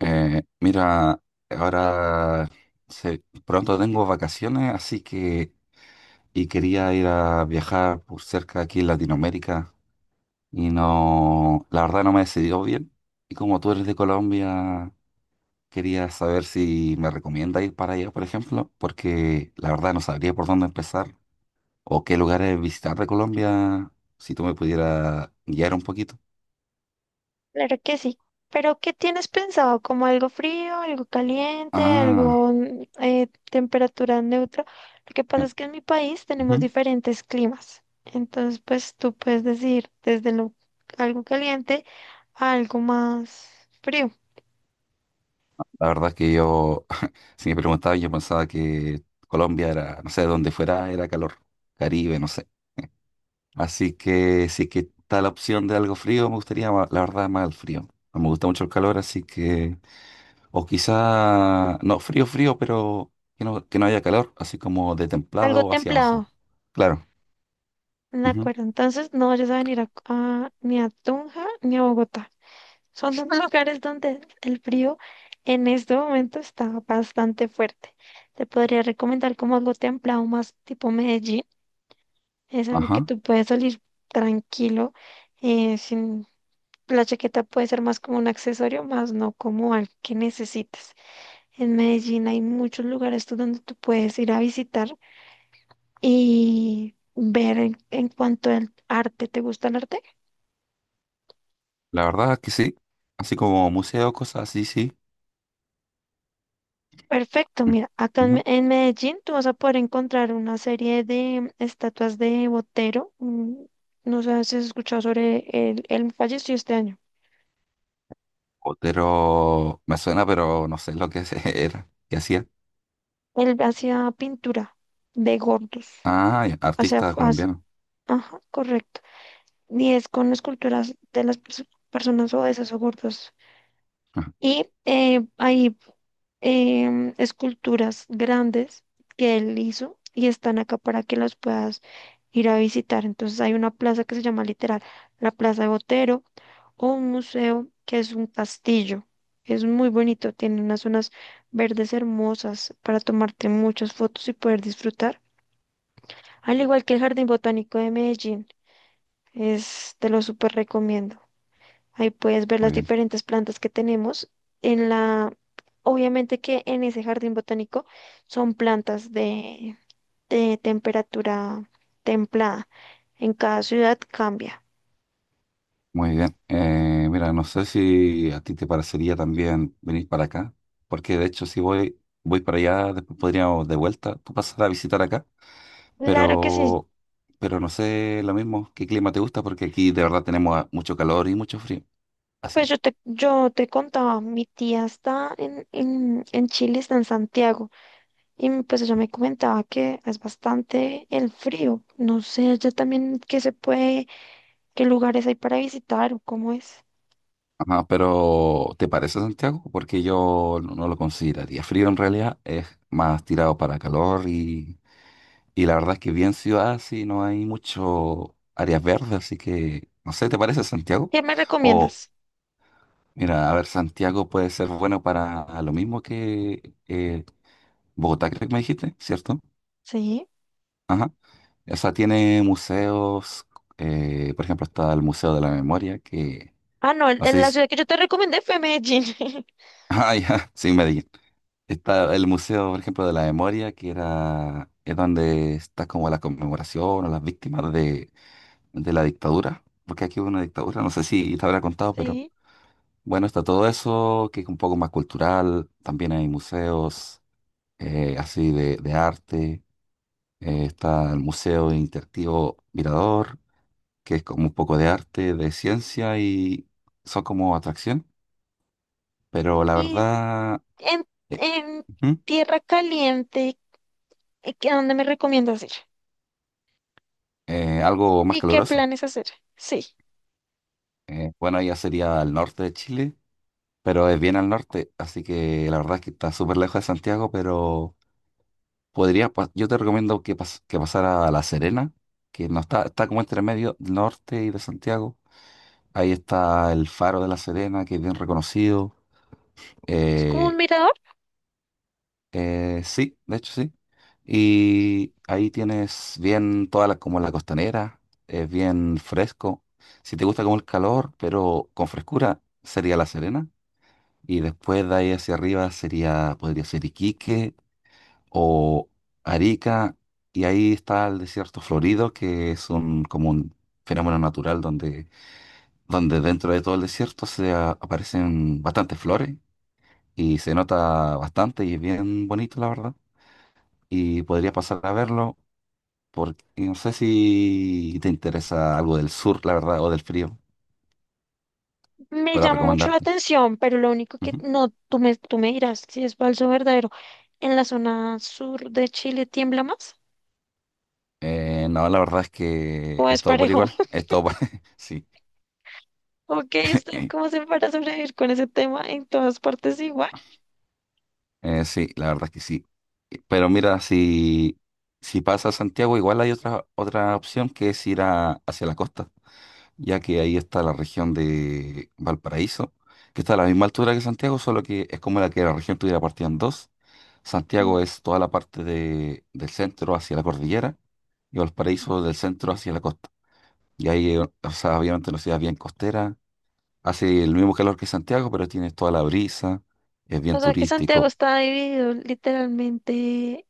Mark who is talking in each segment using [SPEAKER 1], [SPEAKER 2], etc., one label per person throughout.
[SPEAKER 1] Eh, mira, ahora pronto tengo vacaciones, así que y quería ir a viajar por cerca aquí en Latinoamérica y no, la verdad no me he decidido bien. Y como tú eres de Colombia, quería saber si me recomienda ir para allá, por ejemplo, porque la verdad no sabría por dónde empezar o qué lugares visitar de Colombia, si tú me pudieras guiar un poquito.
[SPEAKER 2] Claro que sí. Pero, ¿qué tienes pensado? ¿Como algo frío, algo caliente,
[SPEAKER 1] Ah,
[SPEAKER 2] algo temperatura neutra? Lo que pasa
[SPEAKER 1] eh,
[SPEAKER 2] es que en mi país tenemos
[SPEAKER 1] ujú.
[SPEAKER 2] diferentes climas. Entonces, pues tú puedes decir desde lo, algo caliente a algo más frío,
[SPEAKER 1] La verdad es que yo, si me preguntaban yo pensaba que Colombia era, no sé, donde fuera era calor, Caribe, no sé. Así que si que está la opción de algo frío, me gustaría, la verdad, más el frío. No me gusta mucho el calor, así que, o quizá, no, frío, frío, pero que no haya calor, así como de
[SPEAKER 2] algo
[SPEAKER 1] templado hacia abajo.
[SPEAKER 2] templado.
[SPEAKER 1] Claro.
[SPEAKER 2] De
[SPEAKER 1] Ujú.
[SPEAKER 2] acuerdo. Entonces, no vayas a venir ni a Tunja ni a Bogotá. Son dos lugares donde el frío en este momento está bastante fuerte. Te podría recomendar como algo templado más tipo Medellín. Es algo que
[SPEAKER 1] Ajá.
[SPEAKER 2] tú puedes salir tranquilo, sin la chaqueta puede ser más como un accesorio, más no como algo que necesites. En Medellín hay muchos lugares tú donde tú puedes ir a visitar y ver en cuanto al arte. ¿Te gusta el arte?
[SPEAKER 1] La verdad es que sí. Así como museos, cosas así, sí.
[SPEAKER 2] Perfecto,
[SPEAKER 1] Mm.
[SPEAKER 2] mira,
[SPEAKER 1] Ujú.
[SPEAKER 2] En Medellín tú vas a poder encontrar una serie de estatuas de Botero. No sé si has escuchado sobre él falleció este año.
[SPEAKER 1] Otero me suena, pero no sé lo que era, que hacía.
[SPEAKER 2] Él hacía pintura de gordos,
[SPEAKER 1] Ah, ya,
[SPEAKER 2] o sea,
[SPEAKER 1] artista
[SPEAKER 2] f- hace-
[SPEAKER 1] colombiano.
[SPEAKER 2] ajá, correcto. Y es con esculturas de las personas obesas o gordas.
[SPEAKER 1] Ah,
[SPEAKER 2] Y esculturas grandes que él hizo y están acá para que las puedas ir a visitar. Entonces hay una plaza que se llama literal la Plaza de Botero o un museo que es un castillo. Es muy bonito, tiene unas zonas verdes hermosas para tomarte muchas fotos y poder disfrutar. Al igual que el Jardín Botánico de Medellín, es, te lo súper recomiendo. Ahí puedes ver
[SPEAKER 1] muy
[SPEAKER 2] las
[SPEAKER 1] bien,
[SPEAKER 2] diferentes plantas que tenemos. En la, obviamente que en ese jardín botánico son plantas de temperatura templada. En cada ciudad cambia.
[SPEAKER 1] muy bien. No sé si a ti te parecería también venir para acá, porque de hecho si voy, voy para allá, después podríamos de vuelta, tú pasar a visitar acá,
[SPEAKER 2] Claro que sí.
[SPEAKER 1] pero, pero no sé lo mismo, qué clima te gusta, porque aquí de verdad tenemos ah, mucho calor y mucho frío. Así.
[SPEAKER 2] Yo te contaba, mi tía está en Chile, está en Santiago, y pues ella me comentaba que es bastante el frío. No sé, allá también qué se puede, qué lugares hay para visitar o cómo es.
[SPEAKER 1] Ajá, pero ¿te parece Santiago? Porque yo no, no lo consideraría frío en realidad, es más tirado para calor y la verdad es que bien ciudad, sí, no hay mucho áreas verdes, así que, no sé, ¿te parece Santiago?
[SPEAKER 2] ¿Qué me
[SPEAKER 1] O,
[SPEAKER 2] recomiendas?
[SPEAKER 1] mira, a ver, Santiago puede ser bueno para lo mismo que Bogotá, creo que me dijiste, ¿cierto?
[SPEAKER 2] Sí.
[SPEAKER 1] Ajá. O sea, tiene museos, por ejemplo, está el Museo de la Memoria, que,
[SPEAKER 2] Ah, no,
[SPEAKER 1] no
[SPEAKER 2] en
[SPEAKER 1] sé
[SPEAKER 2] la
[SPEAKER 1] si,
[SPEAKER 2] ciudad que yo te recomendé fue Medellín.
[SPEAKER 1] ah, ya, sí, Medellín. Está el Museo, por ejemplo, de la Memoria, que era, es donde está como la conmemoración o las víctimas de la dictadura, porque aquí hubo una dictadura, no sé si te habrá contado, pero
[SPEAKER 2] Sí.
[SPEAKER 1] bueno, está todo eso, que es un poco más cultural, también hay museos así de arte, está el Museo Interactivo Mirador, que es como un poco de arte, de ciencia y son como atracción, pero la
[SPEAKER 2] Y
[SPEAKER 1] verdad,
[SPEAKER 2] en,
[SPEAKER 1] eh,
[SPEAKER 2] en
[SPEAKER 1] ujú,
[SPEAKER 2] Tierra Caliente, ¿y qué- ¿a dónde me recomiendas ir?
[SPEAKER 1] algo más
[SPEAKER 2] ¿Y qué
[SPEAKER 1] caluroso.
[SPEAKER 2] planes hacer? Sí.
[SPEAKER 1] Bueno, ya sería al norte de Chile, pero es bien al norte, así que la verdad es que está súper lejos de Santiago, pero podría, yo te recomiendo que, que pasara a La Serena, que no está, está como entre medio del norte y de Santiago. Ahí está el Faro de La Serena, que es bien reconocido.
[SPEAKER 2] Es como un
[SPEAKER 1] Eh,
[SPEAKER 2] mirador.
[SPEAKER 1] sí, de hecho sí. Y ahí tienes bien toda la, como la costanera, es bien fresco. Si te gusta como el calor, pero con frescura, sería La Serena. Y después de ahí hacia arriba sería, podría ser Iquique o Arica, y ahí está el desierto florido, que es un, como un fenómeno natural donde, donde dentro de todo el desierto aparecen bastantes flores y se nota bastante y es bien bonito, la verdad. Y podría pasar a verlo, porque no sé si te interesa algo del sur, la verdad, o del frío,
[SPEAKER 2] Me
[SPEAKER 1] para
[SPEAKER 2] llama mucho la
[SPEAKER 1] recomendarte.
[SPEAKER 2] atención, pero lo único que
[SPEAKER 1] Ujú.
[SPEAKER 2] no, tú me dirás si es falso o verdadero. ¿En la zona sur de Chile tiembla más?
[SPEAKER 1] No, la verdad es que
[SPEAKER 2] ¿O
[SPEAKER 1] es
[SPEAKER 2] es
[SPEAKER 1] todo por
[SPEAKER 2] parejo?
[SPEAKER 1] igual, es todo por sí.
[SPEAKER 2] Ok, ¿usted cómo se para sobrevivir con ese tema en todas partes igual?
[SPEAKER 1] Sí, la verdad es que sí. Pero mira, si, si pasa a Santiago, igual hay otra, otra opción que es ir hacia la costa, ya que ahí está la región de Valparaíso, que está a la misma altura que Santiago, solo que es como la que la región tuviera partida en dos. Santiago
[SPEAKER 2] Sí.
[SPEAKER 1] es toda la parte del centro hacia la cordillera y Valparaíso del centro hacia la costa. Y ahí, o sea, obviamente una ciudad bien costera, hace el mismo calor que Santiago, pero tiene toda la brisa, es bien
[SPEAKER 2] O sea que Santiago
[SPEAKER 1] turístico.
[SPEAKER 2] está dividido literalmente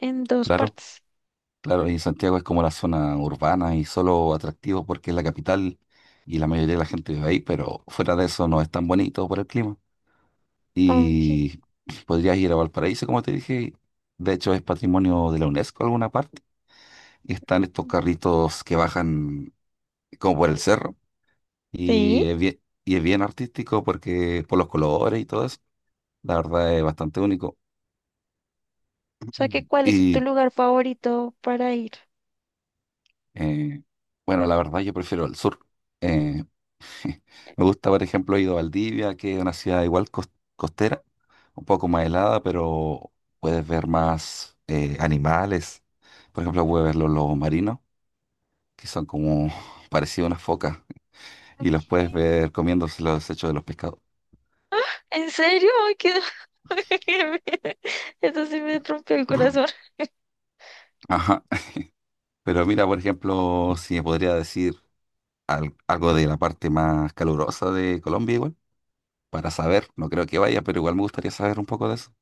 [SPEAKER 2] en dos
[SPEAKER 1] Claro.
[SPEAKER 2] partes.
[SPEAKER 1] Claro, y Santiago es como la zona urbana y solo atractivo porque es la capital y la mayoría de la gente vive ahí, pero fuera de eso no es tan bonito por el clima.
[SPEAKER 2] Ok.
[SPEAKER 1] Y podrías ir a Valparaíso, como te dije, de hecho es patrimonio de la UNESCO en alguna parte. Y están estos
[SPEAKER 2] Ok.
[SPEAKER 1] carritos que bajan como por el cerro
[SPEAKER 2] Sí.
[SPEAKER 1] y es bien artístico porque por los colores y todo eso, la verdad es bastante único.
[SPEAKER 2] O sea que
[SPEAKER 1] Mm.
[SPEAKER 2] ¿cuál es tu
[SPEAKER 1] Y
[SPEAKER 2] lugar favorito para ir?
[SPEAKER 1] eh, bueno, la verdad yo prefiero el sur. Eh, Me gusta, por ejemplo, he ido a Valdivia, que es una ciudad igual costera, un poco más helada, pero puedes ver más animales. Por ejemplo, puedes ver los lobos marinos, que son como parecidos a unas focas, y
[SPEAKER 2] Ok.
[SPEAKER 1] los puedes ver comiéndose los desechos de los pescados.
[SPEAKER 2] ¿En serio? Ay, qué- Eso sí me rompió el corazón.
[SPEAKER 1] Ajá. Pero mira, por ejemplo, si me podría decir algo de la parte más calurosa de Colombia, igual, para saber, no creo que vaya, pero igual me gustaría saber un poco de eso.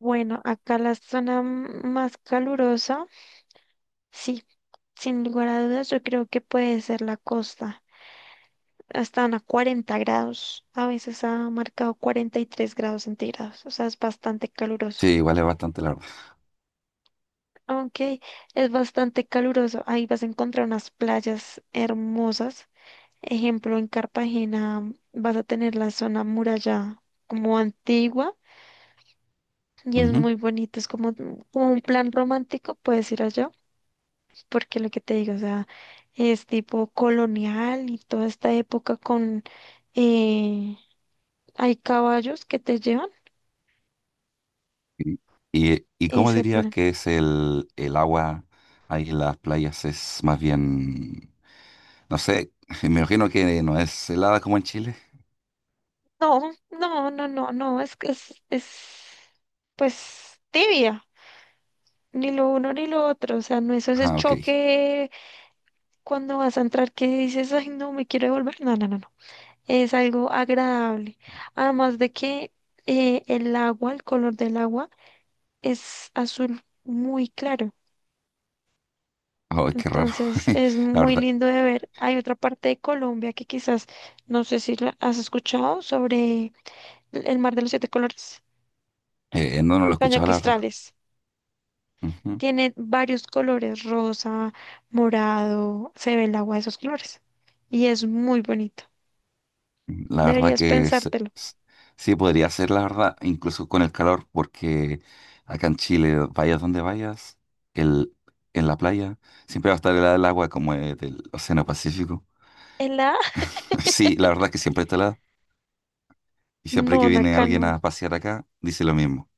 [SPEAKER 2] Bueno, acá la zona más calurosa, sí, sin lugar a dudas, yo creo que puede ser la costa. Están a 40 grados, a veces ha marcado 43 grados centígrados, o sea, es bastante caluroso.
[SPEAKER 1] Sí, igual es bastante largo.
[SPEAKER 2] Aunque es bastante caluroso, ahí vas a encontrar unas playas hermosas. Ejemplo, en Cartagena vas a tener la zona muralla como antigua y es
[SPEAKER 1] Ujú.
[SPEAKER 2] muy bonito, es como, como un plan romántico, puedes ir allá. Porque lo que te digo, o sea, es tipo colonial y toda esta época eh, hay caballos que te llevan
[SPEAKER 1] ¿Y, y cómo
[SPEAKER 2] ese
[SPEAKER 1] dirías
[SPEAKER 2] plan.
[SPEAKER 1] que es el agua ahí en las playas? Es más bien, no sé, me imagino que no es helada como en Chile.
[SPEAKER 2] No, no, no, no, no, es que es, pues, tibia, ni lo uno ni lo otro, o sea, no es ese
[SPEAKER 1] Ah, ok.
[SPEAKER 2] choque cuando vas a entrar que dices, ay, no, me quiero devolver, no, no, no, no, es algo agradable, además de que el color del agua es azul muy claro.
[SPEAKER 1] Oh, qué raro.
[SPEAKER 2] Entonces es
[SPEAKER 1] La
[SPEAKER 2] muy
[SPEAKER 1] verdad,
[SPEAKER 2] lindo de ver. Hay otra parte de Colombia que quizás no sé si la has escuchado sobre el mar de los siete colores,
[SPEAKER 1] no, no lo he escuchado, la verdad.
[SPEAKER 2] cañoquistrales.
[SPEAKER 1] Ujú.
[SPEAKER 2] Tiene varios colores, rosa, morado, se ve el agua de esos colores y es muy bonito.
[SPEAKER 1] La verdad
[SPEAKER 2] Deberías
[SPEAKER 1] que
[SPEAKER 2] pensártelo.
[SPEAKER 1] es- sí podría ser, la verdad, incluso con el calor, porque acá en Chile, vayas donde vayas, el, en la playa, siempre va a estar helada el agua como del Océano Pacífico.
[SPEAKER 2] ¿En la?
[SPEAKER 1] Sí, la verdad que siempre está helada. Y siempre
[SPEAKER 2] No,
[SPEAKER 1] que viene
[SPEAKER 2] acá
[SPEAKER 1] alguien
[SPEAKER 2] no.
[SPEAKER 1] a pasear acá, dice lo mismo.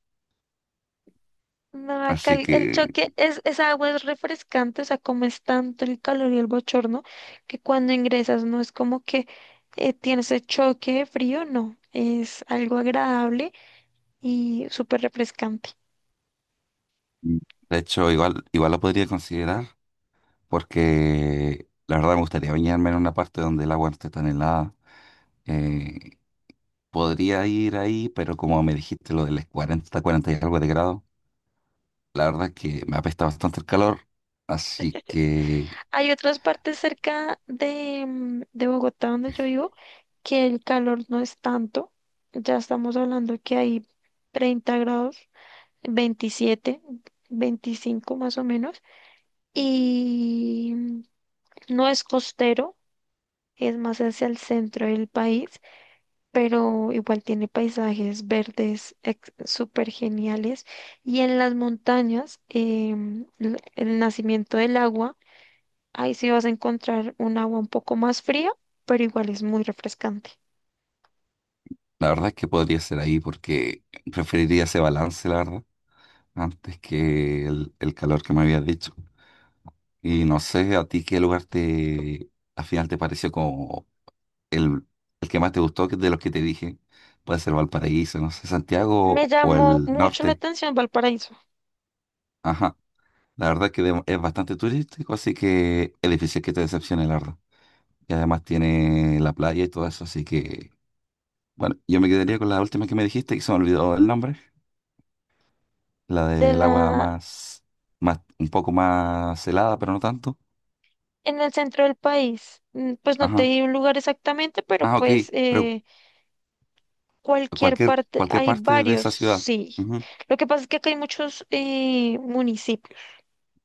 [SPEAKER 2] No, acá
[SPEAKER 1] Así
[SPEAKER 2] el
[SPEAKER 1] que,
[SPEAKER 2] choque es, esa agua es refrescante, o sea, como es tanto el calor y el bochorno, que cuando ingresas no es como que tienes el choque de frío, no, es algo agradable y súper refrescante.
[SPEAKER 1] mm, de hecho, igual, igual lo podría considerar, porque la verdad me gustaría bañarme en una parte donde el agua no esté tan helada. Eh, podría ir ahí, pero como me dijiste lo del 40, 40 y algo de grado, la verdad es que me apesta bastante el calor. Así que,
[SPEAKER 2] Hay otras partes cerca de, de Bogotá donde yo vivo que el calor no es tanto, ya estamos hablando que hay 30 grados, 27 25 más o menos, y no es costero, es más hacia el centro del país, pero igual tiene paisajes verdes súper geniales. Y en las montañas, el nacimiento del agua, ahí sí vas a encontrar un agua un poco más fría, pero igual es muy refrescante.
[SPEAKER 1] la verdad es que podría ser ahí, porque preferiría ese balance, la verdad, antes que el calor que me habías dicho. Y no sé a ti qué lugar te al final te pareció como el, el que más te gustó de los que te dije. Puede ser Valparaíso, no sé,
[SPEAKER 2] Me
[SPEAKER 1] Santiago o
[SPEAKER 2] llamó
[SPEAKER 1] el
[SPEAKER 2] mucho la
[SPEAKER 1] norte.
[SPEAKER 2] atención Valparaíso.
[SPEAKER 1] Ajá. La verdad es que es bastante turístico, así que es difícil que te decepcione, la verdad. Y además tiene la playa y todo eso, así que bueno, yo me quedaría con la última que me dijiste, que se me olvidó el nombre, la
[SPEAKER 2] De
[SPEAKER 1] del agua
[SPEAKER 2] la,
[SPEAKER 1] más, más, un poco más helada, pero no tanto.
[SPEAKER 2] en el centro del país, pues no te
[SPEAKER 1] Ajá.
[SPEAKER 2] di un lugar exactamente, pero
[SPEAKER 1] Ah, ok.
[SPEAKER 2] pues
[SPEAKER 1] Pero
[SPEAKER 2] cualquier
[SPEAKER 1] cualquier,
[SPEAKER 2] parte,
[SPEAKER 1] cualquier
[SPEAKER 2] hay
[SPEAKER 1] parte de
[SPEAKER 2] varios,
[SPEAKER 1] esa ciudad.
[SPEAKER 2] sí.
[SPEAKER 1] Ujú.
[SPEAKER 2] Lo que pasa es que acá hay muchos municipios,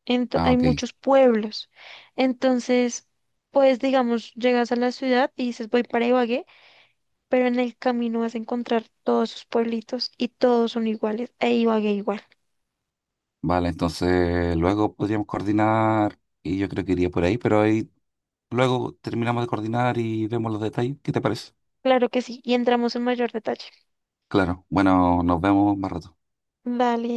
[SPEAKER 1] Ah,
[SPEAKER 2] hay
[SPEAKER 1] ok.
[SPEAKER 2] muchos pueblos. Entonces, pues digamos, llegas a la ciudad y dices voy para Ibagué, pero en el camino vas a encontrar todos sus pueblitos y todos son iguales, e Ibagué igual.
[SPEAKER 1] Vale, entonces luego podríamos coordinar y yo creo que iría por ahí, pero ahí luego terminamos de coordinar y vemos los detalles. ¿Qué te parece?
[SPEAKER 2] Claro que sí, y entramos en mayor detalle.
[SPEAKER 1] Claro. Bueno, nos vemos más rato.
[SPEAKER 2] Dale.